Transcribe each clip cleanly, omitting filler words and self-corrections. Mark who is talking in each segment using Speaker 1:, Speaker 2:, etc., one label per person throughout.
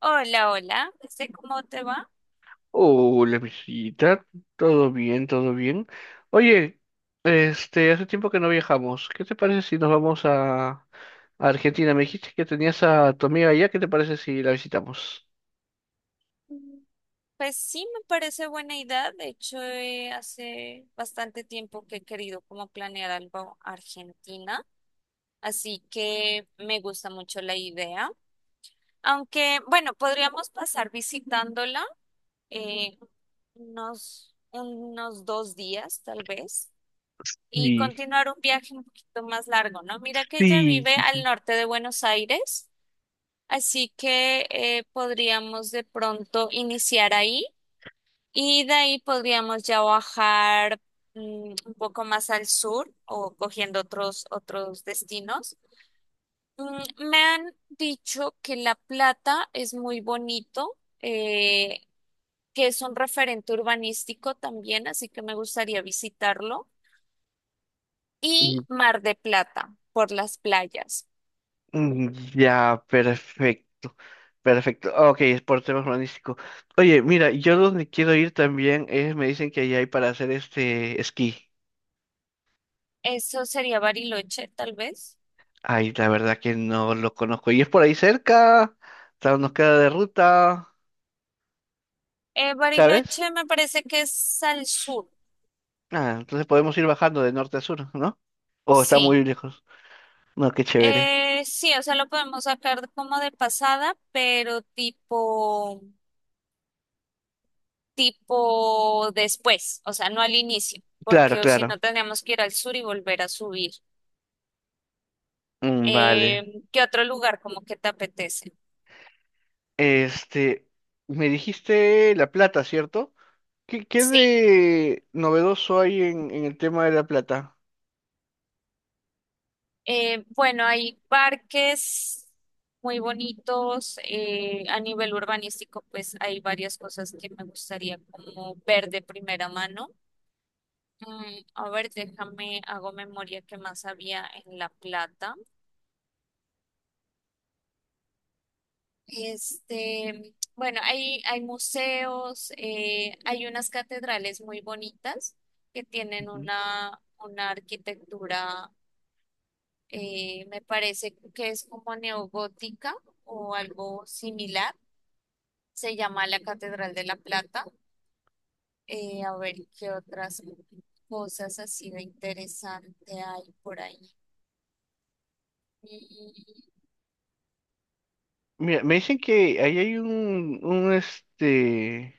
Speaker 1: Hola, hola, ¿cómo te va?
Speaker 2: Hola, visita. Todo bien, todo bien. Oye, hace tiempo que no viajamos. ¿Qué te parece si nos vamos a Argentina? Me dijiste que tenías a tu amiga allá. ¿Qué te parece si la visitamos?
Speaker 1: Mm. Pues sí, me parece buena idea. De hecho, hace bastante tiempo que he querido como planear algo Argentina, así que me gusta mucho la idea. Aunque, bueno, podríamos pasar visitándola eh, unos dos días, tal vez, y
Speaker 2: Sí.
Speaker 1: continuar un viaje un poquito más largo, ¿no? Mira que ella
Speaker 2: Sí,
Speaker 1: vive
Speaker 2: sí,
Speaker 1: al
Speaker 2: sí.
Speaker 1: norte de Buenos Aires. Así que podríamos de pronto iniciar ahí y de ahí podríamos ya bajar un poco más al sur o cogiendo otros destinos. Mm, me han dicho que La Plata es muy bonito, que es un referente urbanístico también, así que me gustaría visitarlo.
Speaker 2: Mm,
Speaker 1: Y Mar de Plata por las playas.
Speaker 2: mm, ya, perfecto. Perfecto. Ok, es por tema urbanístico. Oye, mira, yo donde quiero ir también es, me dicen que allá hay para hacer esquí.
Speaker 1: Eso sería Bariloche, tal vez.
Speaker 2: Ay, la verdad que no lo conozco. Y es por ahí cerca, claro, nos queda de ruta, ¿sabes?
Speaker 1: Bariloche me parece que es al sur,
Speaker 2: Ah, entonces podemos ir bajando de norte a sur, ¿no? O está muy
Speaker 1: sí.
Speaker 2: lejos. No, qué chévere.
Speaker 1: Sí, o sea, lo podemos sacar como de pasada, pero tipo después, o sea, no al inicio,
Speaker 2: Claro,
Speaker 1: porque o si no
Speaker 2: claro.
Speaker 1: tenemos que ir al sur y volver a subir.
Speaker 2: Mm, vale.
Speaker 1: ¿Qué otro lugar como que te apetece?
Speaker 2: Este, Me dijiste La Plata, ¿cierto? ¿Qué
Speaker 1: Sí,
Speaker 2: de novedoso hay en el tema de La Plata?
Speaker 1: bueno, hay parques muy bonitos. Eh, a nivel urbanístico, pues hay varias cosas que me gustaría como ver de primera mano. Mm, a ver, déjame, hago memoria que más había en La Plata. Este, bueno, hay museos, hay unas catedrales muy bonitas que tienen
Speaker 2: Ujú.
Speaker 1: una arquitectura, me parece que es como neogótica o algo similar. Se llama la Catedral de La Plata. A ver, ¿qué otras cosas así de interesante hay por ahí? Mm,
Speaker 2: Mira, me dicen que ahí hay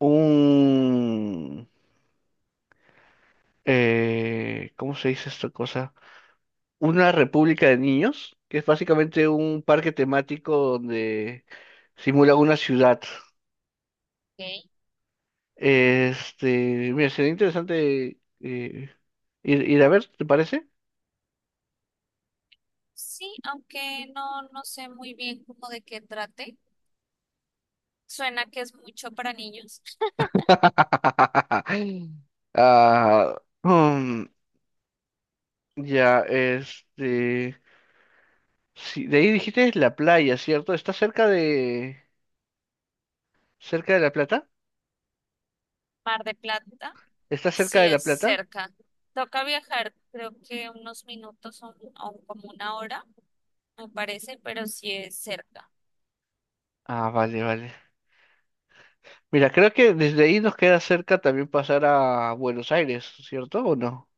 Speaker 2: un, ¿cómo se dice esta cosa? Una república de niños, que es básicamente un parque temático donde simula una ciudad.
Speaker 1: ok.
Speaker 2: Mira, sería interesante ir a ver, ¿te parece?
Speaker 1: Sí, aunque no, no sé muy bien cómo de qué trate. Suena que es mucho para niños.
Speaker 2: Ah, mm, ya, sí, de ahí dijiste la playa, ¿cierto? ¿Está cerca de La Plata?
Speaker 1: Mar de Plata,
Speaker 2: ¿Está cerca
Speaker 1: sí
Speaker 2: de La
Speaker 1: es
Speaker 2: Plata?
Speaker 1: cerca. Toca viajar, creo que unos minutos o como una hora, me parece, pero sí es cerca.
Speaker 2: Ah, vale, vale. Mira, creo que desde ahí nos queda cerca también pasar a Buenos Aires, ¿cierto o no?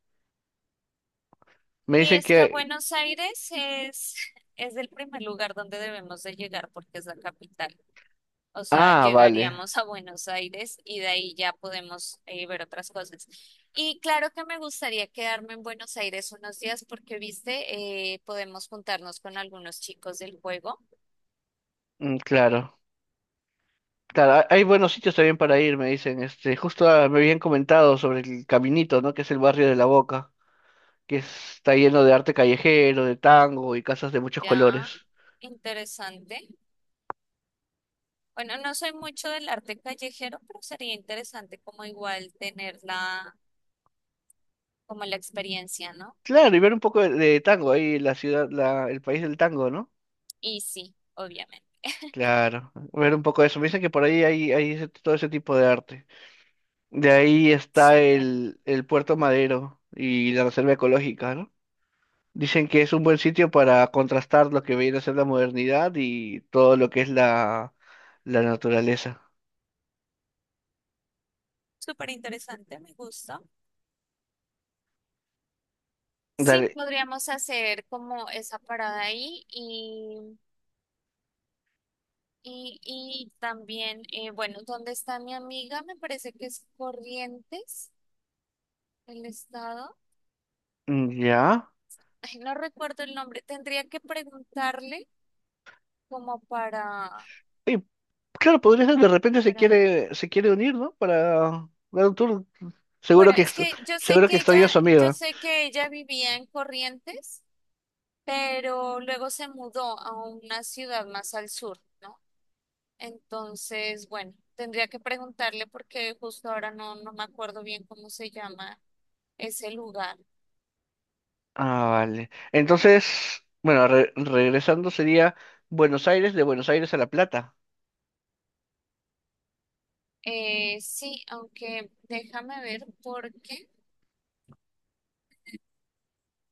Speaker 2: Me
Speaker 1: Y
Speaker 2: dicen
Speaker 1: es que
Speaker 2: que...
Speaker 1: Buenos Aires es el primer lugar donde debemos de llegar porque es la capital. O sea,
Speaker 2: Ah, vale.
Speaker 1: llegaríamos a Buenos Aires y de ahí ya podemos ver otras cosas. Y claro que me gustaría quedarme en Buenos Aires unos días porque, viste, podemos juntarnos con algunos chicos del juego.
Speaker 2: Mm, claro. Claro, hay buenos sitios también para ir, me dicen. Justo, me habían comentado sobre el Caminito, ¿no? Que es el barrio de La Boca, está lleno de arte callejero, de tango y casas de muchos
Speaker 1: Ya,
Speaker 2: colores.
Speaker 1: interesante. Bueno, no soy mucho del arte callejero, pero sería interesante como igual tener como la experiencia, ¿no?
Speaker 2: Claro, y ver un poco de tango ahí, la ciudad, el país del tango, ¿no?
Speaker 1: Y sí, obviamente.
Speaker 2: Claro, ver un poco de eso. Me dicen que por ahí hay todo ese tipo de arte. De ahí está
Speaker 1: Súper,
Speaker 2: el Puerto Madero y la Reserva Ecológica, ¿no? Dicen que es un buen sitio para contrastar lo que viene a ser la modernidad y todo lo que es la naturaleza.
Speaker 1: súper interesante, me gusta. Sí,
Speaker 2: Dale,
Speaker 1: podríamos hacer como esa parada ahí y y también, bueno, ¿dónde está mi amiga? Me parece que es Corrientes, el estado.
Speaker 2: mm, ya.
Speaker 1: Ay, no recuerdo el nombre. Tendría que preguntarle como
Speaker 2: Oye, claro, podría ser, de repente se
Speaker 1: para...
Speaker 2: quiere, se quiere unir, ¿no? Para dar un tour. Seguro
Speaker 1: Bueno,
Speaker 2: que,
Speaker 1: es
Speaker 2: ex-
Speaker 1: que yo sé
Speaker 2: seguro que
Speaker 1: que
Speaker 2: extraña a su
Speaker 1: yo
Speaker 2: amiga.
Speaker 1: sé que ella vivía en Corrientes, pero luego se mudó a una ciudad más al sur, ¿no? Entonces, bueno, tendría que preguntarle porque justo ahora no, no me acuerdo bien cómo se llama ese lugar.
Speaker 2: Ah, vale. Entonces, bueno, regresando sería Buenos Aires, de Buenos Aires a La Plata.
Speaker 1: Sí, aunque déjame ver porque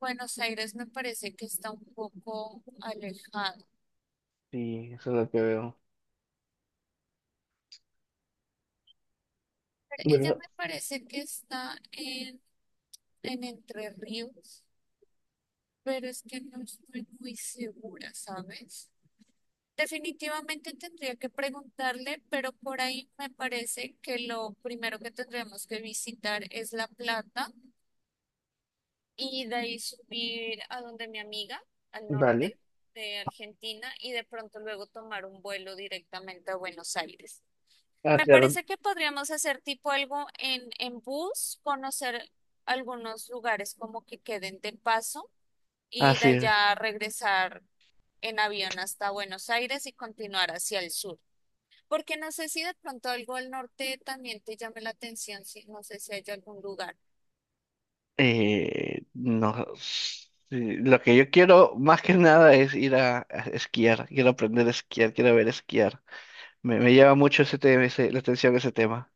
Speaker 1: Buenos Aires me parece que está un poco alejado.
Speaker 2: Sí, eso es lo que veo.
Speaker 1: Ella
Speaker 2: Bueno,
Speaker 1: me parece que está en Entre Ríos, pero es que no estoy muy segura, ¿sabes? Definitivamente tendría que preguntarle, pero por ahí me parece que lo primero que tendríamos que visitar es La Plata y de ahí subir a donde mi amiga, al norte
Speaker 2: vale.
Speaker 1: de Argentina, y de pronto luego tomar un vuelo directamente a Buenos Aires.
Speaker 2: Ah,
Speaker 1: Me
Speaker 2: claro.
Speaker 1: parece que podríamos hacer tipo algo en bus, conocer algunos lugares como que queden de paso y de
Speaker 2: Así es.
Speaker 1: allá regresar en avión hasta Buenos Aires y continuar hacia el sur. Porque no sé si de pronto algo al norte también te llame la atención, si no sé si hay algún lugar,
Speaker 2: No, lo que yo quiero más que nada es ir a esquiar, quiero aprender a esquiar, quiero ver esquiar. Me llama mucho ese tema, la atención ese tema.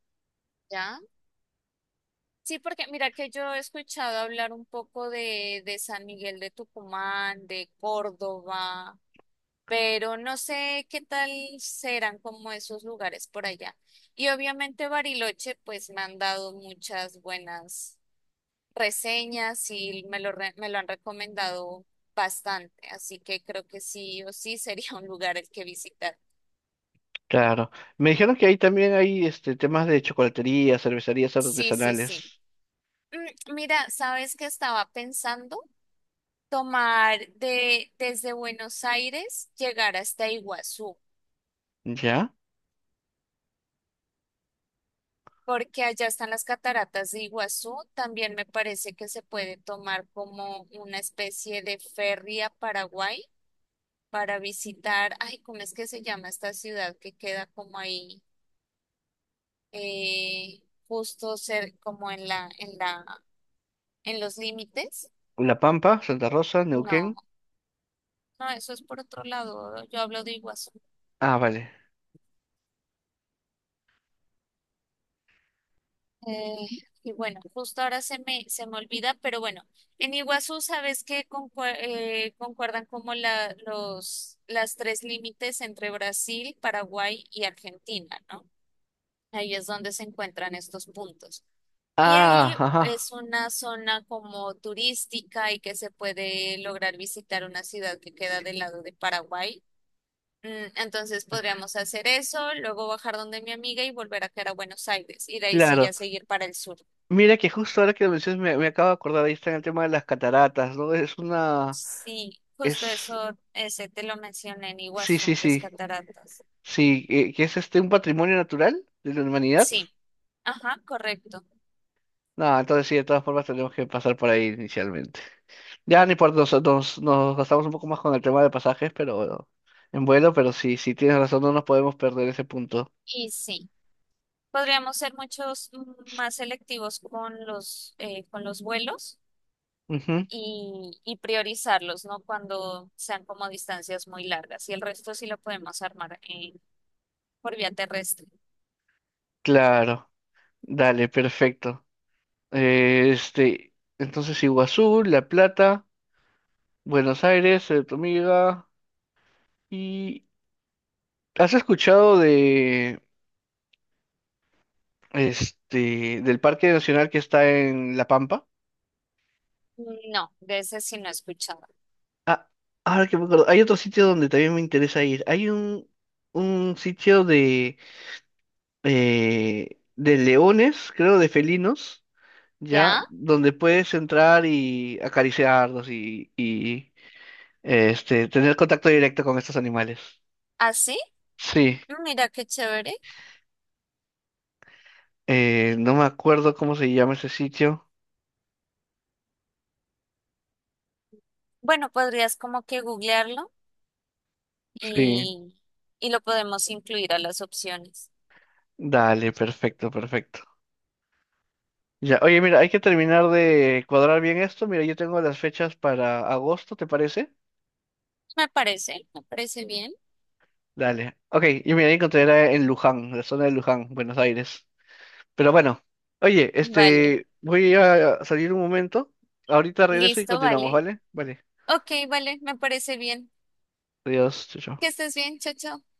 Speaker 1: ¿ya? Sí, porque mira que yo he escuchado hablar un poco de San Miguel de Tucumán, de Córdoba, pero no sé qué tal serán como esos lugares por allá. Y obviamente Bariloche, pues me han dado muchas buenas reseñas y me lo, re- me lo han recomendado bastante, así que creo que sí o sí sería un lugar el que visitar.
Speaker 2: Claro. Me dijeron que ahí también hay temas de chocolatería, cervecerías
Speaker 1: Sí, sí, sí.
Speaker 2: artesanales.
Speaker 1: Mm, mira, ¿sabes qué estaba pensando? Tomar desde Buenos Aires, llegar hasta Iguazú,
Speaker 2: ¿Ya?
Speaker 1: porque allá están las cataratas de Iguazú. También me parece que se puede tomar como una especie de ferry a Paraguay para visitar, ay, ¿cómo es que se llama esta ciudad que queda como ahí, eh, justo ser como en en los límites?
Speaker 2: La Pampa, Santa Rosa,
Speaker 1: No,
Speaker 2: Neuquén.
Speaker 1: no, eso es por otro lado, yo hablo de Iguazú.
Speaker 2: Ah, vale.
Speaker 1: Eh, y bueno, justo ahora se se me olvida, pero bueno, en Iguazú sabes que concue- concuerdan como las tres límites entre Brasil, Paraguay y Argentina, ¿no? Ahí es donde se encuentran estos puntos. Y ahí
Speaker 2: Ah, ajá.
Speaker 1: es una zona como turística y que se puede lograr visitar una ciudad que queda del lado de Paraguay. Mm, entonces podríamos hacer eso, luego bajar donde mi amiga y volver a caer a Buenos Aires y de ahí sí
Speaker 2: Claro.
Speaker 1: ya seguir para el sur.
Speaker 2: Mira que justo ahora que lo mencionas me acabo de acordar, ahí está el tema de las cataratas, ¿no?
Speaker 1: Sí, justo
Speaker 2: Es...
Speaker 1: eso, ese te lo mencioné en
Speaker 2: Sí, sí,
Speaker 1: Iguazú, las
Speaker 2: sí.
Speaker 1: cataratas.
Speaker 2: Sí, que es un patrimonio natural de la humanidad.
Speaker 1: Sí, ajá, correcto.
Speaker 2: No, entonces sí, de todas formas tenemos que pasar por ahí inicialmente. Ya ni por nos gastamos un poco más con el tema de pasajes, pero bueno, en vuelo, pero sí, sí tienes razón, no nos podemos perder ese punto.
Speaker 1: Y sí, podríamos ser muchos más selectivos con los vuelos
Speaker 2: Ujú,
Speaker 1: y priorizarlos, ¿no? Cuando sean como distancias muy largas. Y el resto sí lo podemos armar por vía terrestre.
Speaker 2: claro, dale, perfecto. Eh, este, entonces Iguazú, La Plata, Buenos Aires, tu amiga. ¿Y has escuchado de este del Parque Nacional que está en La Pampa?
Speaker 1: No, de ese sí no he escuchado.
Speaker 2: Ah, ahora que me acuerdo, hay otro sitio donde también me interesa ir. Hay un sitio de leones, creo, de felinos, ya,
Speaker 1: ¿Ya?
Speaker 2: donde puedes entrar y acariciarlos y tener contacto directo con estos animales.
Speaker 1: ¿Así?
Speaker 2: Sí,
Speaker 1: Mira qué chévere.
Speaker 2: no me acuerdo cómo se llama ese sitio.
Speaker 1: Bueno, podrías como que googlearlo
Speaker 2: Sí,
Speaker 1: y, y lo podemos incluir a las opciones.
Speaker 2: dale, perfecto, perfecto. Ya, oye, mira, hay que terminar de cuadrar bien esto. Mira, yo tengo las fechas para agosto, ¿te parece?
Speaker 1: Me parece bien.
Speaker 2: Dale. Ok, yo me encontré era en Luján, la zona de Luján, Buenos Aires. Pero bueno, oye,
Speaker 1: Vale,
Speaker 2: voy a salir un momento. Ahorita regreso y
Speaker 1: listo,
Speaker 2: continuamos,
Speaker 1: vale.
Speaker 2: ¿vale? Vale.
Speaker 1: Ok, vale, me parece bien.
Speaker 2: Adiós, chao,
Speaker 1: Que
Speaker 2: chao.
Speaker 1: estés bien, chao, chao.